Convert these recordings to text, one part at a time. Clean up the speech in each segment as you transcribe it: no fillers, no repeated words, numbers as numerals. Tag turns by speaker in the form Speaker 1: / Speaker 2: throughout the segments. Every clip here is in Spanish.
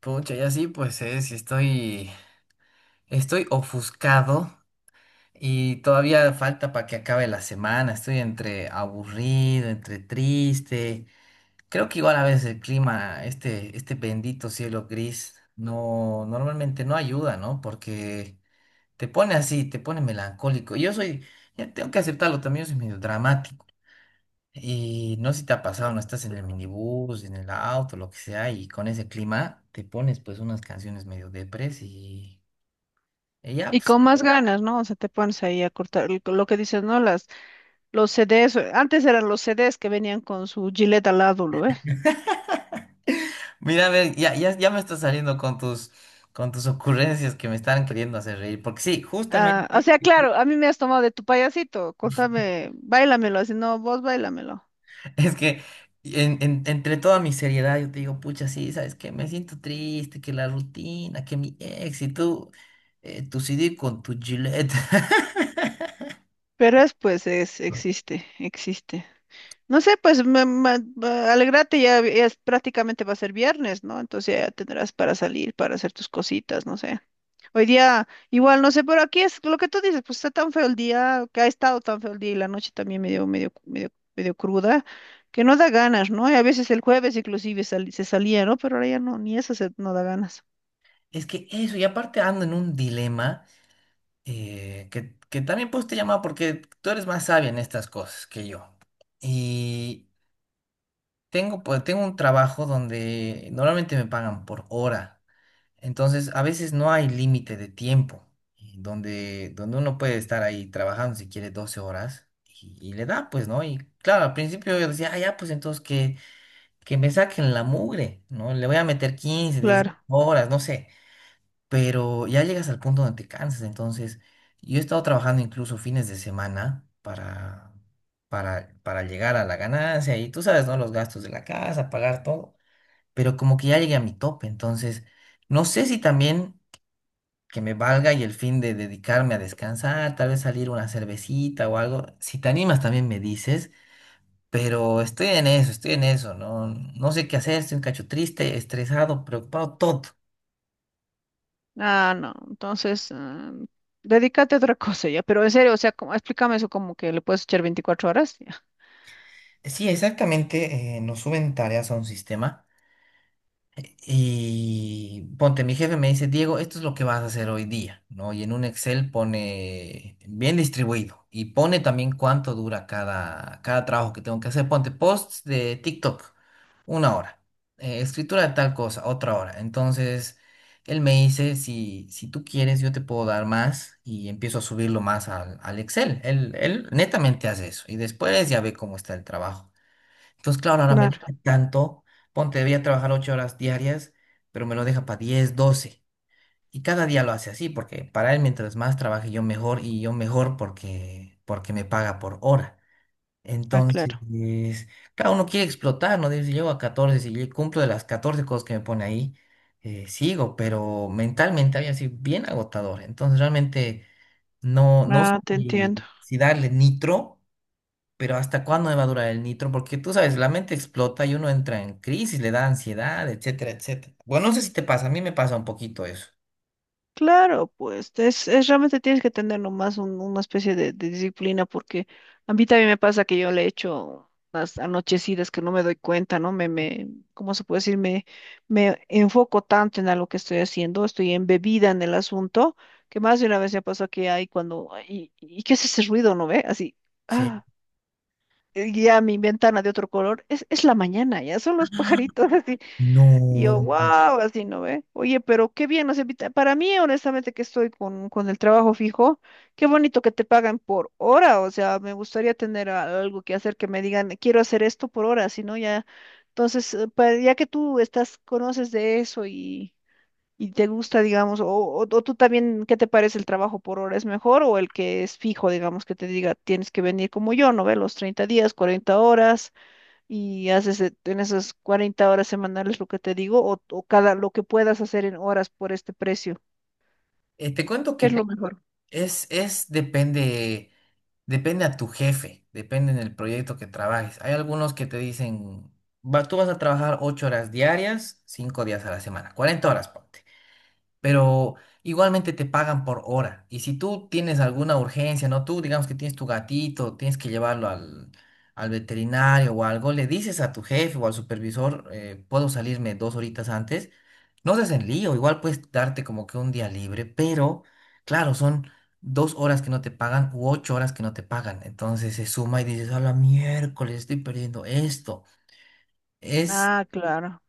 Speaker 1: Pucha, ya sí, pues estoy ofuscado y todavía falta para que acabe la semana. Estoy entre aburrido, entre triste. Creo que igual a veces el clima, este bendito cielo gris, no, normalmente no ayuda, ¿no? Porque te pone así, te pone melancólico. Yo soy, ya tengo que aceptarlo, también yo soy medio dramático. Y no sé si te ha pasado, no estás en el minibús, en el auto, lo que sea, y con ese clima te pones pues unas canciones medio depres y ya,
Speaker 2: Y
Speaker 1: pues,
Speaker 2: con más ganas, ¿no? O sea, te pones ahí a cortar lo que dices, ¿no? Las, los CDs, antes eran los CDs que venían con su Gillette al lado, ¿lo ve?
Speaker 1: mira, a ver, ya, ya, ya me estás saliendo con con tus ocurrencias que me están queriendo hacer reír, porque sí,
Speaker 2: Ah, o
Speaker 1: justamente.
Speaker 2: sea, claro, a mí me has tomado de tu payasito, cortame, báilamelo, así, no, vos báilamelo.
Speaker 1: Es que entre toda mi seriedad yo te digo, pucha, sí, ¿sabes qué? Me siento triste, que la rutina, que mi ex y tú, tu CD con tu Gillette.
Speaker 2: Pero es, pues, existe, existe. No sé, pues, alegrate, ya es, prácticamente va a ser viernes, ¿no? Entonces ya tendrás para salir, para hacer tus cositas, no sé. Hoy día, igual, no sé, pero aquí es lo que tú dices, pues está tan feo el día, que ha estado tan feo el día y la noche también medio cruda, que no da ganas, ¿no? Y a veces el jueves inclusive se salía, ¿no? Pero ahora ya no, ni eso se, no da ganas.
Speaker 1: Es que eso, y aparte ando en un dilema. Que también pues te llamaba porque tú eres más sabia en estas cosas que yo. Y tengo, pues, tengo un trabajo donde normalmente me pagan por hora, entonces a veces no hay límite de tiempo, y donde uno puede estar ahí trabajando si quiere 12 horas y le da, pues, ¿no? Y claro, al principio yo decía, ah, ya, pues entonces que me saquen la mugre, ¿no? Le voy a meter quince 10
Speaker 2: Claro.
Speaker 1: horas, no sé. Pero ya llegas al punto donde te cansas. Entonces, yo he estado trabajando incluso fines de semana para llegar a la ganancia y tú sabes, ¿no? Los gastos de la casa, pagar todo, pero como que ya llegué a mi tope. Entonces, no sé si también que me valga y el fin de dedicarme a descansar, tal vez salir una cervecita o algo. Si te animas, también me dices. Pero estoy en eso, no, no sé qué hacer, estoy un cacho triste, estresado, preocupado, todo.
Speaker 2: Ah, no. Entonces, ah, dedícate a otra cosa ya. Pero en serio, o sea, explícame eso como que le puedes echar 24 horas. Ya.
Speaker 1: Sí, exactamente, nos suben tareas a un sistema y ponte, mi jefe me dice, Diego, esto es lo que vas a hacer hoy día, ¿no? Y en un Excel pone bien distribuido y pone también cuánto dura cada trabajo que tengo que hacer. Ponte posts de TikTok, 1 hora, escritura de tal cosa, otra hora. Entonces, él me dice, si tú quieres, yo te puedo dar más y empiezo a subirlo más al Excel. Él netamente hace eso y después ya ve cómo está el trabajo. Entonces, claro, ahora me
Speaker 2: Claro,
Speaker 1: deja tanto, ponte, debía trabajar 8 horas diarias, pero me lo deja para 10, doce. Y cada día lo hace así, porque para él mientras más trabaje yo mejor y yo mejor porque me paga por hora.
Speaker 2: ah, claro.
Speaker 1: Entonces, claro, uno quiere explotar, ¿no? Dice, si llego a 14, si yo cumplo de las 14 cosas que me pone ahí, sigo, pero mentalmente había sido bien agotador. Entonces, realmente no, no sé
Speaker 2: Ah, te entiendo.
Speaker 1: si darle nitro. Pero ¿hasta cuándo me va a durar el nitro? Porque tú sabes, la mente explota y uno entra en crisis, le da ansiedad, etcétera, etcétera. Bueno, no sé si te pasa, a mí me pasa un poquito eso.
Speaker 2: Claro, pues es realmente tienes que tener nomás una especie de disciplina porque a mí también me pasa que yo le echo las anochecidas que no me doy cuenta, ¿no? ¿Cómo se puede decir? Me enfoco tanto en algo que estoy haciendo, estoy embebida en el asunto, que más de una vez me pasó que hay cuando, ay, ¿y qué es ese ruido, no ve? Así,
Speaker 1: Sí.
Speaker 2: ah, y ya mi ventana de otro color, es la mañana, ya son los pajaritos. Y yo,
Speaker 1: No.
Speaker 2: wow, así no ve. Oye, pero qué bien, o sea, para mí, honestamente, que estoy con el trabajo fijo, qué bonito que te pagan por hora, o sea, me gustaría tener algo que hacer que me digan, quiero hacer esto por hora, si no, ya, entonces, ya que tú estás, conoces de eso y te gusta, digamos, o tú también, ¿qué te parece el trabajo por hora? ¿Es mejor o el que es fijo, digamos, que te diga, tienes que venir como yo, no ve, los 30 días, 40 horas? Y haces en esas 40 horas semanales lo que te digo o cada lo que puedas hacer en horas por este precio.
Speaker 1: Te cuento
Speaker 2: Que es
Speaker 1: que
Speaker 2: lo mejor.
Speaker 1: es, es, depende, depende a tu jefe, depende en el proyecto que trabajes. Hay algunos que te dicen, va, tú vas a trabajar 8 horas diarias, 5 días a la semana, 40 horas, ponte. Pero igualmente te pagan por hora. Y si tú tienes alguna urgencia, ¿no? Tú digamos que tienes tu gatito, tienes que llevarlo al veterinario o algo, le dices a tu jefe o al supervisor, puedo salirme 2 horitas antes. No seas en lío, igual puedes darte como que un día libre, pero claro, son 2 horas que no te pagan u 8 horas que no te pagan. Entonces se suma y dices, a la miércoles, estoy perdiendo esto. es
Speaker 2: Ah, claro.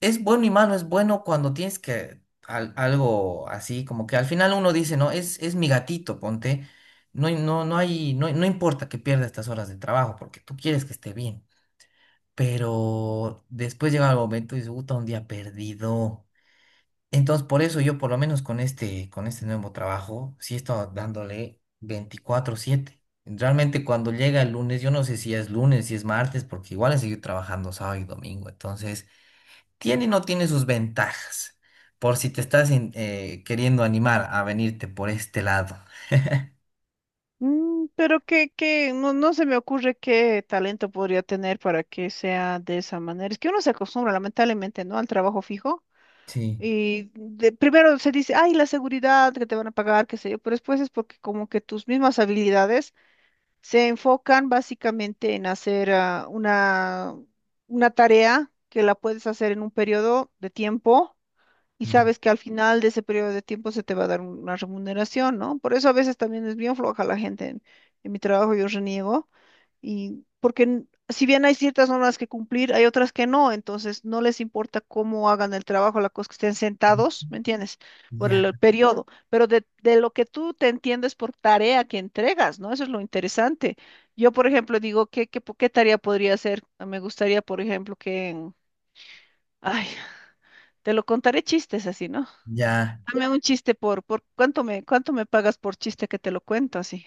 Speaker 1: es bueno y malo, es bueno cuando tienes que algo así, como que al final uno dice, no, es mi gatito, ponte, no, no, no hay, no, no importa que pierda estas horas de trabajo porque tú quieres que esté bien, pero después llega el momento y dice, puta, un día perdido. Entonces, por eso yo, por lo menos con este nuevo trabajo, sí he estado dándole 24/7. Realmente cuando llega el lunes, yo no sé si es lunes, si es martes, porque igual he seguido trabajando sábado y domingo, entonces tiene y no tiene sus ventajas, por si te estás queriendo animar a venirte por este lado.
Speaker 2: Mm, pero que no, no se me ocurre qué talento podría tener para que sea de esa manera. Es que uno se acostumbra, lamentablemente, ¿no? Al trabajo fijo.
Speaker 1: Sí,
Speaker 2: Y primero se dice, ay, la seguridad que te van a pagar, qué sé yo, pero después es porque como que tus mismas habilidades se enfocan básicamente en hacer ah, una tarea que la puedes hacer en un periodo de tiempo. Y
Speaker 1: ya,
Speaker 2: sabes que al final de ese periodo de tiempo se te va a dar una remuneración, ¿no? Por eso a veces también es bien floja la gente. En mi trabajo yo reniego. Y porque si bien hay ciertas normas que cumplir, hay otras que no. Entonces no les importa cómo hagan el trabajo, la cosa que estén sentados, ¿me entiendes? Por
Speaker 1: ya.
Speaker 2: el, ujú, periodo. Pero de lo que tú te entiendes por tarea que entregas, ¿no? Eso es lo interesante. Yo, por ejemplo, digo, ¿ qué tarea podría hacer? Me gustaría, por ejemplo, que... ay, te lo contaré chistes así, ¿no?
Speaker 1: Ya.
Speaker 2: Dame un chiste por cuánto me pagas por chiste que te lo cuento así?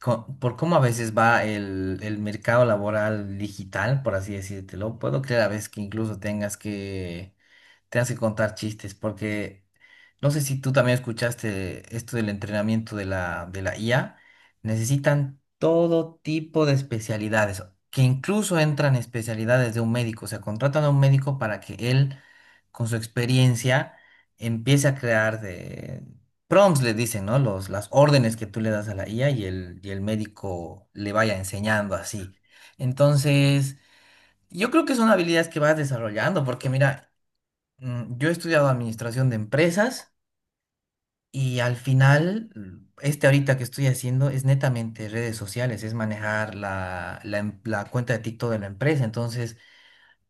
Speaker 1: Por cómo a veces va el mercado laboral digital, por así decírtelo, puedo creer a veces que incluso tengas que Te que contar chistes, porque no sé si tú también escuchaste esto del entrenamiento de la IA. Necesitan todo tipo de especialidades, que incluso entran especialidades de un médico. O sea, contratan a un médico para que él, con su experiencia, empiece a crear de prompts, le dicen, ¿no? Los, las órdenes que tú le das a la IA y el médico le vaya enseñando así. Entonces, yo creo que son habilidades que vas desarrollando, porque mira. Mm, yo he estudiado administración de empresas y al final, mm, este ahorita que estoy haciendo es netamente redes sociales, es manejar la cuenta de TikTok de la empresa. Entonces,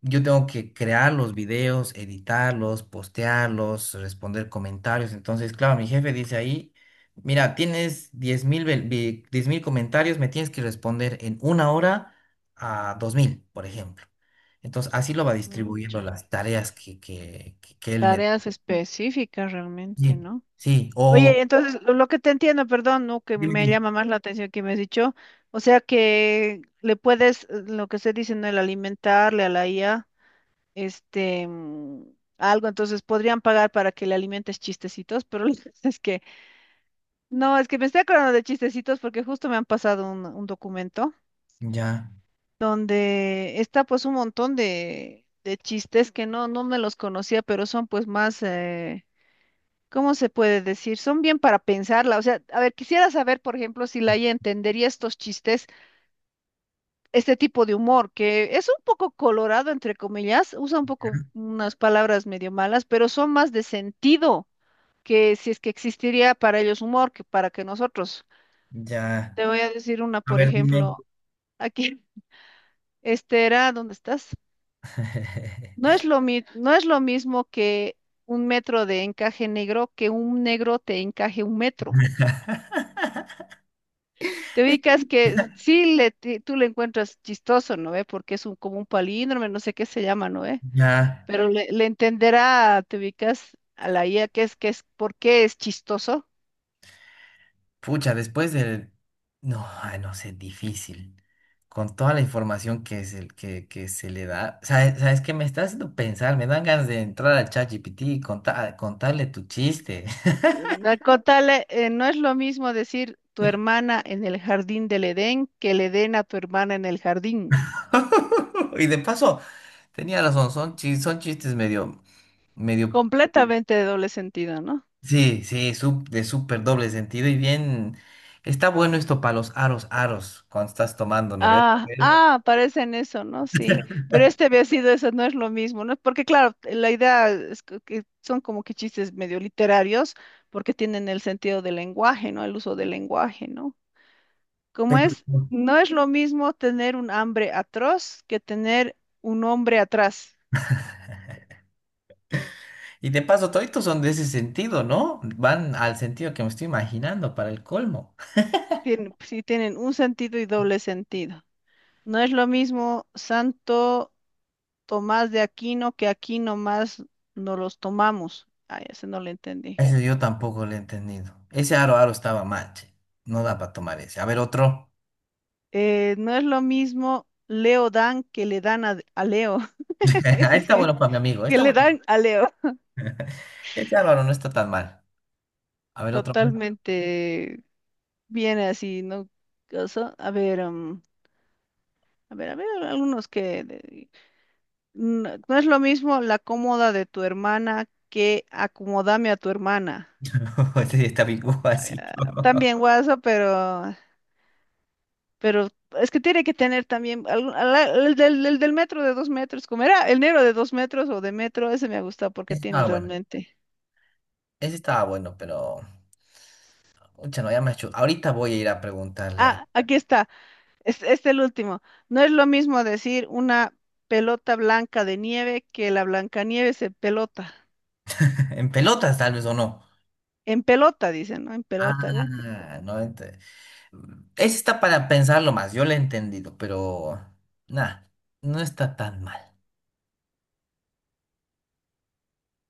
Speaker 1: yo tengo que crear los videos, editarlos, postearlos, responder comentarios. Entonces, claro, mi jefe dice ahí, mira, tienes 10.000 comentarios, me tienes que responder en 1 hora a 2.000 por ejemplo. Entonces, así lo va distribuyendo
Speaker 2: Mucha.
Speaker 1: las tareas que él me...
Speaker 2: Tareas específicas
Speaker 1: Sí,
Speaker 2: realmente, ¿no?
Speaker 1: sí, o
Speaker 2: Oye, entonces lo que te entiendo, perdón, ¿no? Que
Speaker 1: dime,
Speaker 2: me
Speaker 1: dime.
Speaker 2: llama más la atención que me has dicho, o sea que le puedes, lo que se dice, ¿no? El alimentarle a la IA, este, mm, algo, entonces podrían pagar para que le alimentes chistecitos, pero es que, no, es que me estoy acordando de chistecitos porque justo me han pasado un documento,
Speaker 1: Ya,
Speaker 2: donde está pues un montón de chistes que no, no me los conocía, pero son pues más, ¿cómo se puede decir? Son bien para pensarla. O sea, a ver, quisiera saber, por ejemplo, si Laia entendería estos chistes, este tipo de humor, que es un poco colorado, entre comillas, usa un poco unas palabras medio malas, pero son más de sentido que si es que existiría para ellos humor que para que nosotros.
Speaker 1: ya.
Speaker 2: Te voy a decir una,
Speaker 1: A
Speaker 2: por
Speaker 1: ver, dime.
Speaker 2: ejemplo, aquí, este era, ¿dónde estás? No es lo mi- no es lo mismo que un metro de encaje negro que un negro te encaje un metro. Te ubicas que sí le, tú le encuentras chistoso, ¿no ve? Porque es un, como un palíndromo, no sé qué se llama, ¿no ve?
Speaker 1: Ya,
Speaker 2: Pero le entenderá, te ubicas a la IA, que es, ¿por qué es chistoso?
Speaker 1: pucha, después del... No, ay, no sé, difícil. Con toda la información que, es el, que se le da. ¿Sabes qué me está haciendo pensar? Me dan ganas de entrar al ChatGPT y contarle tu chiste.
Speaker 2: Mm, al contarle, no es lo mismo decir tu hermana en el jardín del Edén que el Edén a tu hermana en el jardín. Mm.
Speaker 1: Y de paso, tenía razón, son, son chistes medio, medio.
Speaker 2: Completamente de doble sentido, ¿no?
Speaker 1: Sí, sí, de súper doble sentido y bien. Está bueno esto para los aros, aros, cuando estás tomando, ¿no ves?
Speaker 2: Ah, ah, parecen eso, ¿no? Sí, pero este había sido eso, no es lo mismo, ¿no? Porque claro, la idea es que son como que chistes medio literarios, porque tienen el sentido del lenguaje, ¿no? El uso del lenguaje, ¿no? Como
Speaker 1: Pero...
Speaker 2: es, no es lo mismo tener un hambre atroz que tener un hombre atrás.
Speaker 1: Y de paso, toditos son de ese sentido, ¿no? Van al sentido que me estoy imaginando para el colmo.
Speaker 2: Tienen, sí, tienen un sentido y doble sentido. No es lo mismo Santo Tomás de Aquino que aquí nomás no los tomamos. Ah, ese no lo entendí.
Speaker 1: Eso yo tampoco lo he entendido. Ese aro, aro estaba mal, che. No da para tomar ese. A ver, otro.
Speaker 2: No es lo mismo Leo Dan que le dan a Leo.
Speaker 1: Ahí
Speaker 2: Ese
Speaker 1: está
Speaker 2: sí,
Speaker 1: bueno para mi amigo.
Speaker 2: que
Speaker 1: Está
Speaker 2: le
Speaker 1: bueno.
Speaker 2: dan a Leo.
Speaker 1: Ese aro, aro no está tan mal. A ver, otro. Más.
Speaker 2: Totalmente viene así, ¿no? Cosa- a ver, mm, a ver, algunos que... de- no, no es lo mismo la cómoda de tu hermana que acomodame a tu hermana.
Speaker 1: Ese sí, está bien así.
Speaker 2: Ah, también guasa, pero es que tiene que tener también algún- el del metro de 2 metros, como era el negro de 2 metros o de metro, ese me ha gustado porque
Speaker 1: Ese
Speaker 2: tiene
Speaker 1: estaba bueno.
Speaker 2: realmente.
Speaker 1: Ese estaba bueno, pero... Pucha, no, ya me ha hecho... Ahorita voy a ir a preguntarle. A...
Speaker 2: Ah, aquí está. Es el último. No es lo mismo decir una pelota blanca de nieve que la Blancanieves en pelota.
Speaker 1: En pelotas, tal vez, o no.
Speaker 2: En pelota, dicen, ¿no? En pelota, ¿ve?
Speaker 1: Ah, no. Ent-. Ese está para pensarlo más. Yo lo he entendido, pero... Nada, no está tan mal.